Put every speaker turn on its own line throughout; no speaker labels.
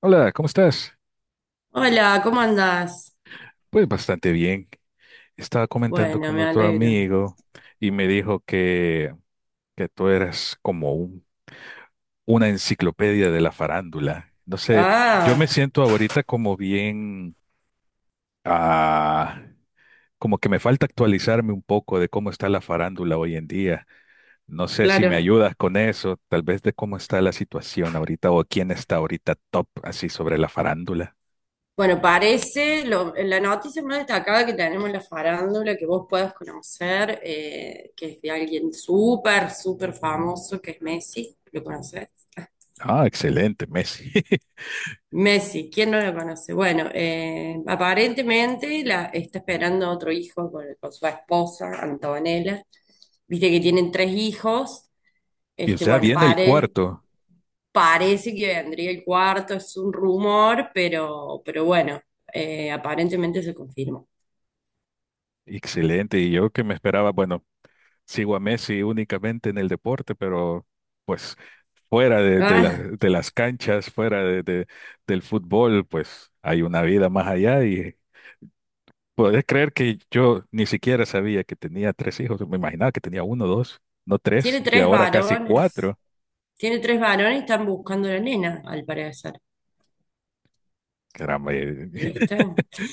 Hola, ¿cómo estás?
Hola, ¿cómo andás?
Pues bastante bien. Estaba comentando
Bueno,
con
me
otro
alegro.
amigo y me dijo que tú eras como una enciclopedia de la farándula. No sé, yo me
Ah,
siento ahorita como bien, ah, como que me falta actualizarme un poco de cómo está la farándula hoy en día. No sé si me
claro.
ayudas con eso, tal vez de cómo está la situación ahorita o quién está ahorita top así sobre la farándula.
Bueno, parece la noticia más destacada que tenemos en la farándula que vos puedas conocer, que es de alguien súper, súper famoso, que es Messi. ¿Lo conoces?
Ah, excelente, Messi.
Messi, ¿quién no lo conoce? Bueno, aparentemente está esperando otro hijo con su esposa, Antonella. Viste que tienen tres hijos.
Y o sea,
Bueno,
viene el cuarto.
parece que vendría el cuarto, es un rumor, pero bueno, aparentemente se confirmó.
Excelente, y yo que me esperaba, bueno, sigo a Messi únicamente en el deporte, pero pues fuera
Ah,
de las canchas, del fútbol, pues hay una vida más allá y podés creer que yo ni siquiera sabía que tenía tres hijos, me imaginaba que tenía uno, dos, no tres,
tiene
y que
tres
ahora casi
varones.
cuatro.
Tiene tres varones y están buscando a la nena, al parecer.
Caramba,
¿Viste?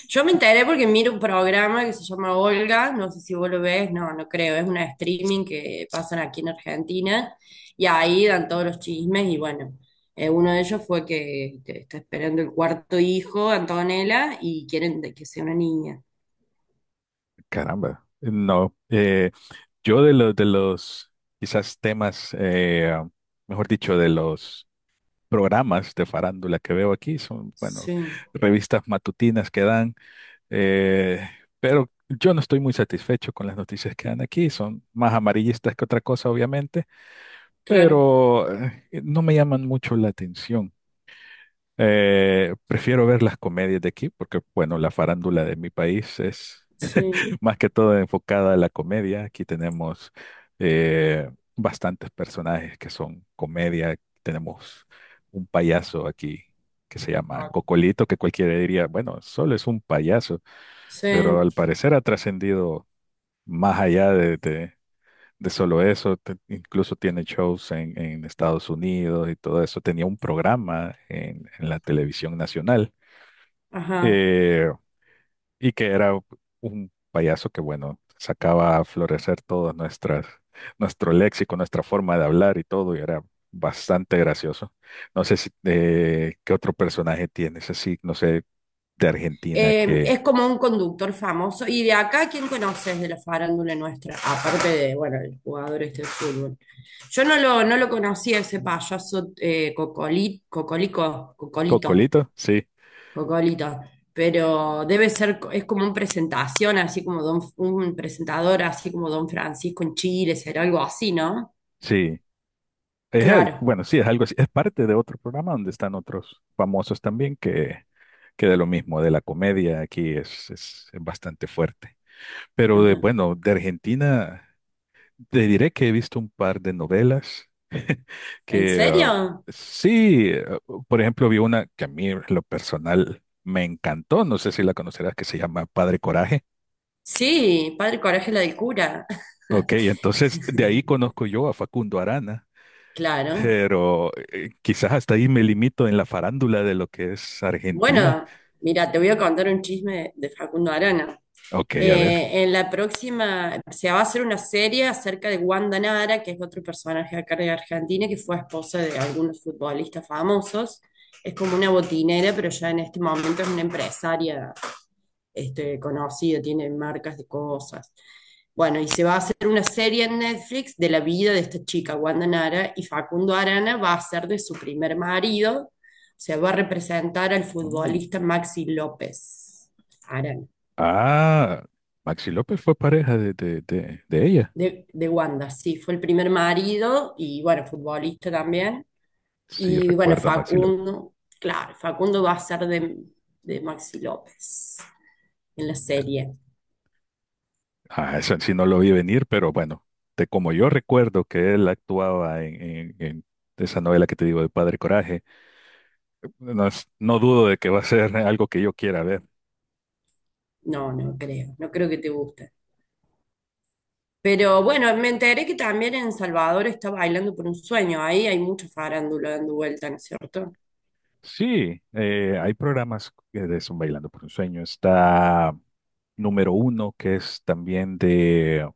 Yo me enteré porque miro un programa que se llama Olga, no sé si vos lo ves, no, no creo, es una streaming que pasan aquí en Argentina y ahí dan todos los chismes y bueno, uno de ellos fue que está esperando el cuarto hijo, Antonella, y quieren de que sea una niña.
caramba. No, yo de los quizás temas, mejor dicho, de los programas de farándula que veo aquí, son, bueno,
Sí,
revistas matutinas que dan, eh, pero yo no estoy muy satisfecho con las noticias que dan aquí, son más amarillistas que otra cosa, obviamente,
claro,
pero no me llaman mucho la atención. Prefiero ver las comedias de aquí porque, bueno, la farándula de mi país es
sí,
más que todo enfocada a la comedia. Aquí tenemos eh, bastantes personajes que son comedia. Tenemos un payaso aquí que se llama Cocolito, que cualquiera diría, bueno, solo es un payaso,
sí,
pero al parecer ha trascendido más allá de solo eso. Incluso tiene shows en Estados Unidos y todo eso. Tenía un programa en la televisión nacional.
ajá.
Eh, y que era un payaso que, bueno, sacaba a florecer todo nuestras, nuestro léxico, nuestra forma de hablar y todo, y era bastante gracioso. No sé si, qué otro personaje tienes así, no sé, de Argentina
Es
que...
como un conductor famoso. ¿Y de acá quién conoces de la farándula nuestra? Aparte de, bueno, el jugador este de fútbol. Yo no lo, no lo conocía ese payaso Cocolito,
Cocolito, sí,
Cocolito. Pero debe ser, es como una presentación, así como don, un presentador, así como Don Francisco en Chile, será algo así, ¿no?
sí. Es,
Claro.
bueno, sí, es algo así. Es parte de otro programa donde están otros famosos también que de lo mismo, de la comedia, aquí es bastante fuerte. Pero de,
Ajá.
bueno, de Argentina... Te diré que he visto un par de novelas.
¿En
Que
serio?
sí, por ejemplo, vi una que a mí en lo personal me encantó, no sé si la conocerás, que se llama Padre Coraje.
Sí, Padre Coraje la del cura.
Ok, entonces de ahí conozco yo a Facundo Arana,
Claro.
pero quizás hasta ahí me limito en la farándula de lo que es Argentina.
Bueno, mira, te voy a contar un chisme de Facundo Arana.
Ok, a ver.
En la próxima se va a hacer una serie acerca de Wanda Nara, que es otro personaje acá de Argentina, que fue esposa de algunos futbolistas famosos. Es como una botinera, pero ya en este momento es una empresaria este, conocida, tiene marcas de cosas. Bueno, y se va a hacer una serie en Netflix de la vida de esta chica, Wanda Nara, y Facundo Arana va a ser de su primer marido, se va a representar al
Mm.
futbolista Maxi López Arana,
Ah, Maxi López fue pareja de ella.
de Wanda, sí, fue el primer marido y bueno, futbolista también.
Sí,
Y bueno,
recuerdo a Maxi López.
Facundo, claro, Facundo va a ser de Maxi López en la serie.
Ah, eso sí no lo vi venir, pero bueno, de como yo recuerdo que él actuaba en esa novela que te digo de Padre Coraje, no, no dudo de que va a ser algo que yo quiera ver.
No, no creo, no creo que te guste. Pero bueno, me enteré que también en Salvador está bailando por un sueño. Ahí hay mucho farándula dando vuelta, ¿no es cierto?
Sí, hay programas que de son Bailando por un Sueño. Está número uno, que es también de,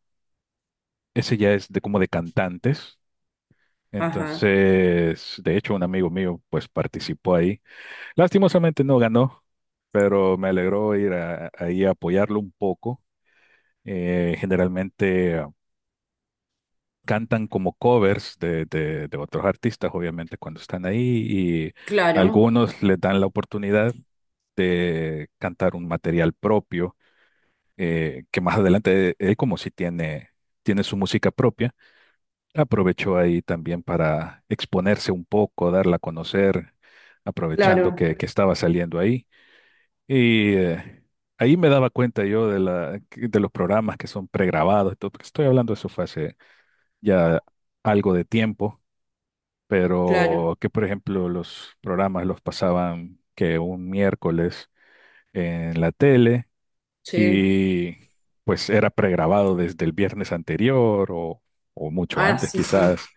ese ya es de como de cantantes.
Ajá,
Entonces, de hecho, un amigo mío pues participó ahí. Lastimosamente no ganó, pero me alegró ir ahí a apoyarlo un poco. Generalmente cantan como covers de otros artistas, obviamente, cuando están ahí, y
claro,
algunos les dan la oportunidad de cantar un material propio, que más adelante él, como si tiene, tiene su música propia, aprovechó ahí también para exponerse un poco, darla a conocer, aprovechando
claro,
que estaba saliendo ahí. Y ahí me daba cuenta yo de la, de los programas que son pregrabados, y todo, porque estoy hablando de eso fue hace ya algo de tiempo,
claro,
pero que por ejemplo los programas los pasaban que un miércoles en la tele
sí.
y pues era pregrabado desde el viernes anterior o mucho
Ah,
antes
sí, sí.
quizás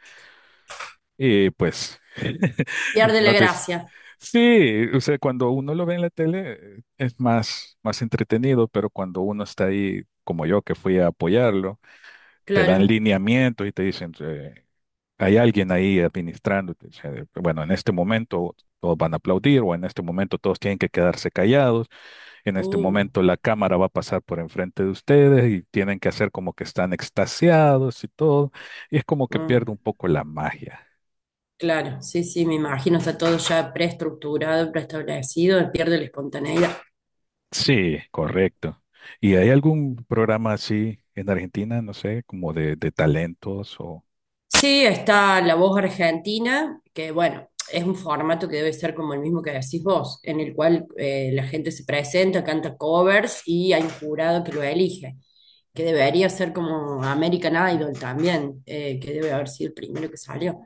y pues
Pierde la
no te...
gracia,
Sí, o sea, cuando uno lo ve en la tele es más, más entretenido, pero cuando uno está ahí, como yo, que fui a apoyarlo, te dan
claro.
lineamientos y te dicen, hay alguien ahí administrándote. O sea, bueno, en este momento todos van a aplaudir o en este momento todos tienen que quedarse callados. En este
Uh,
momento la cámara va a pasar por enfrente de ustedes y tienen que hacer como que están extasiados y todo. Y es como que
ah,
pierde un poco la magia.
claro, sí, sí, me imagino, está todo ya preestructurado, preestablecido, pierde la espontaneidad.
Sí, correcto. ¿Y hay algún programa así en Argentina? No sé, como de talentos o...
Sí, está La Voz Argentina, que bueno, es un formato que debe ser como el mismo que decís vos, en el cual la gente se presenta, canta covers y hay un jurado que lo elige, que debería ser como American Idol también, que debe haber sido el primero que salió.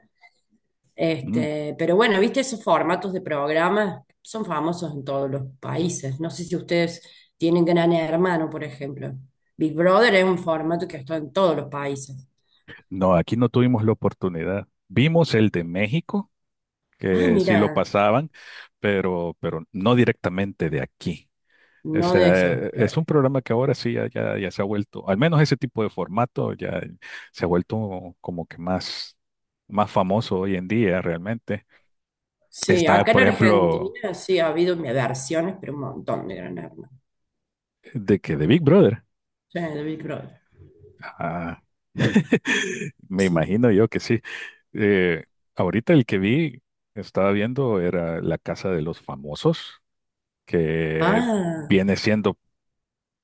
Mm.
Este, pero bueno, viste esos formatos de programas son famosos en todos los países. No sé si ustedes tienen Gran Hermano, por ejemplo. Big Brother es un formato que está en todos los países.
No, aquí no tuvimos la oportunidad. Vimos el de México
Ah,
que sí lo
mira,
pasaban, pero no directamente de aquí. O
no de
sea,
esos,
es
claro.
un programa que ahora sí ya se ha vuelto, al menos ese tipo de formato ya se ha vuelto como que más, más famoso hoy en día realmente.
Sí,
Está,
acá en
por ejemplo,
Argentina sí ha habido versiones, pero un montón de Gran Hermano.
de que de Big Brother.
Sí, de Big Brother.
Ah, me
Sí.
imagino yo que sí. Eh, Ahorita el que vi, estaba viendo, era La Casa de los Famosos, que
Ah,
viene siendo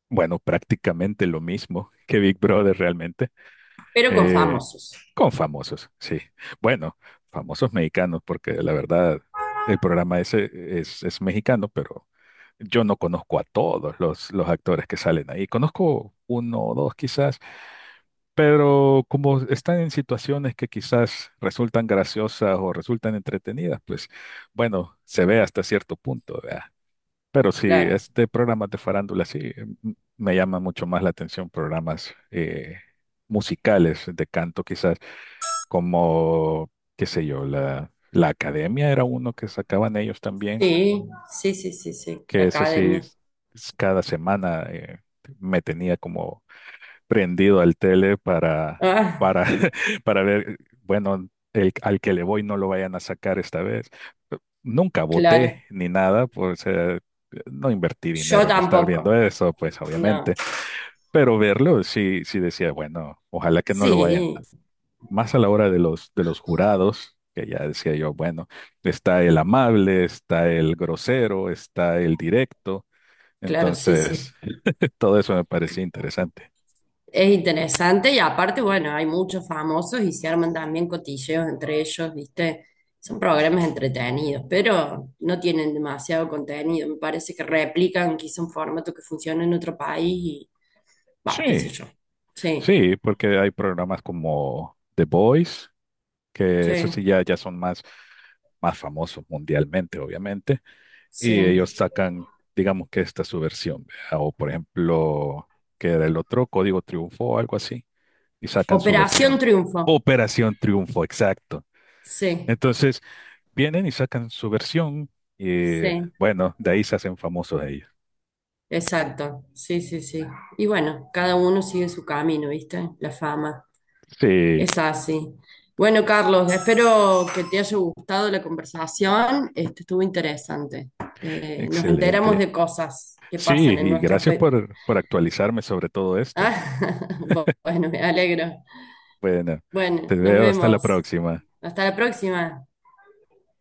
bueno, prácticamente lo mismo que Big Brother realmente,
pero con
eh,
famosos,
con famosos, sí. Bueno, famosos mexicanos, porque la verdad el programa ese es mexicano, pero yo no conozco a todos los actores que salen ahí. Conozco uno o dos quizás, pero como están en situaciones que quizás resultan graciosas o resultan entretenidas, pues bueno, se ve hasta cierto punto, ¿verdad? Pero si
claro.
es de programas de farándula, sí, me llama mucho más la atención programas musicales de canto, quizás, como, qué sé yo, la Academia era uno que sacaban ellos también,
Sí, sí, sí, sí, sí. La
que ese sí,
academia.
cada semana me tenía como prendido al tele
Ah,
para, para ver, bueno, el, al que le voy no lo vayan a sacar esta vez. Nunca voté
claro.
ni nada, pues no invertí
Yo
dinero en estar viendo
tampoco.
eso, pues
No.
obviamente, pero verlo sí, sí decía, bueno, ojalá que no lo vayan.
Sí,
Más a la hora de de los jurados, que ya decía yo, bueno, está el amable, está el grosero, está el directo,
claro, sí, sí.
entonces todo eso me parecía interesante.
Es interesante y aparte, bueno, hay muchos famosos y se arman también cotilleos entre ellos, ¿viste? Son programas entretenidos, pero no tienen demasiado contenido. Me parece que replican quizá un formato que funciona en otro país y, va, qué sé
Sí,
yo. Sí,
sí, porque hay programas como The Voice, que eso sí
sí,
ya son más, más famosos mundialmente, obviamente, y ellos
sí.
sacan, digamos que esta es su versión, ¿verdad? O por ejemplo, que era el otro, Código Triunfo o algo así, y sacan su
Operación
versión.
Triunfo.
Operación Triunfo, exacto.
Sí,
Entonces, vienen y sacan su versión y
sí,
bueno, de ahí se hacen famosos ellos.
exacto. Sí, sí, sí. Y bueno, cada uno sigue su camino, ¿viste? La fama.
Sí,
Es así. Bueno, Carlos, espero que te haya gustado la conversación. Este, estuvo interesante. Nos enteramos
excelente.
de cosas que
Sí,
pasan en
y
nuestros
gracias
países.
por actualizarme sobre todo esto.
Ah, bueno, me alegro.
Bueno, te
Bueno, nos
veo hasta la
vemos.
próxima.
Hasta la próxima.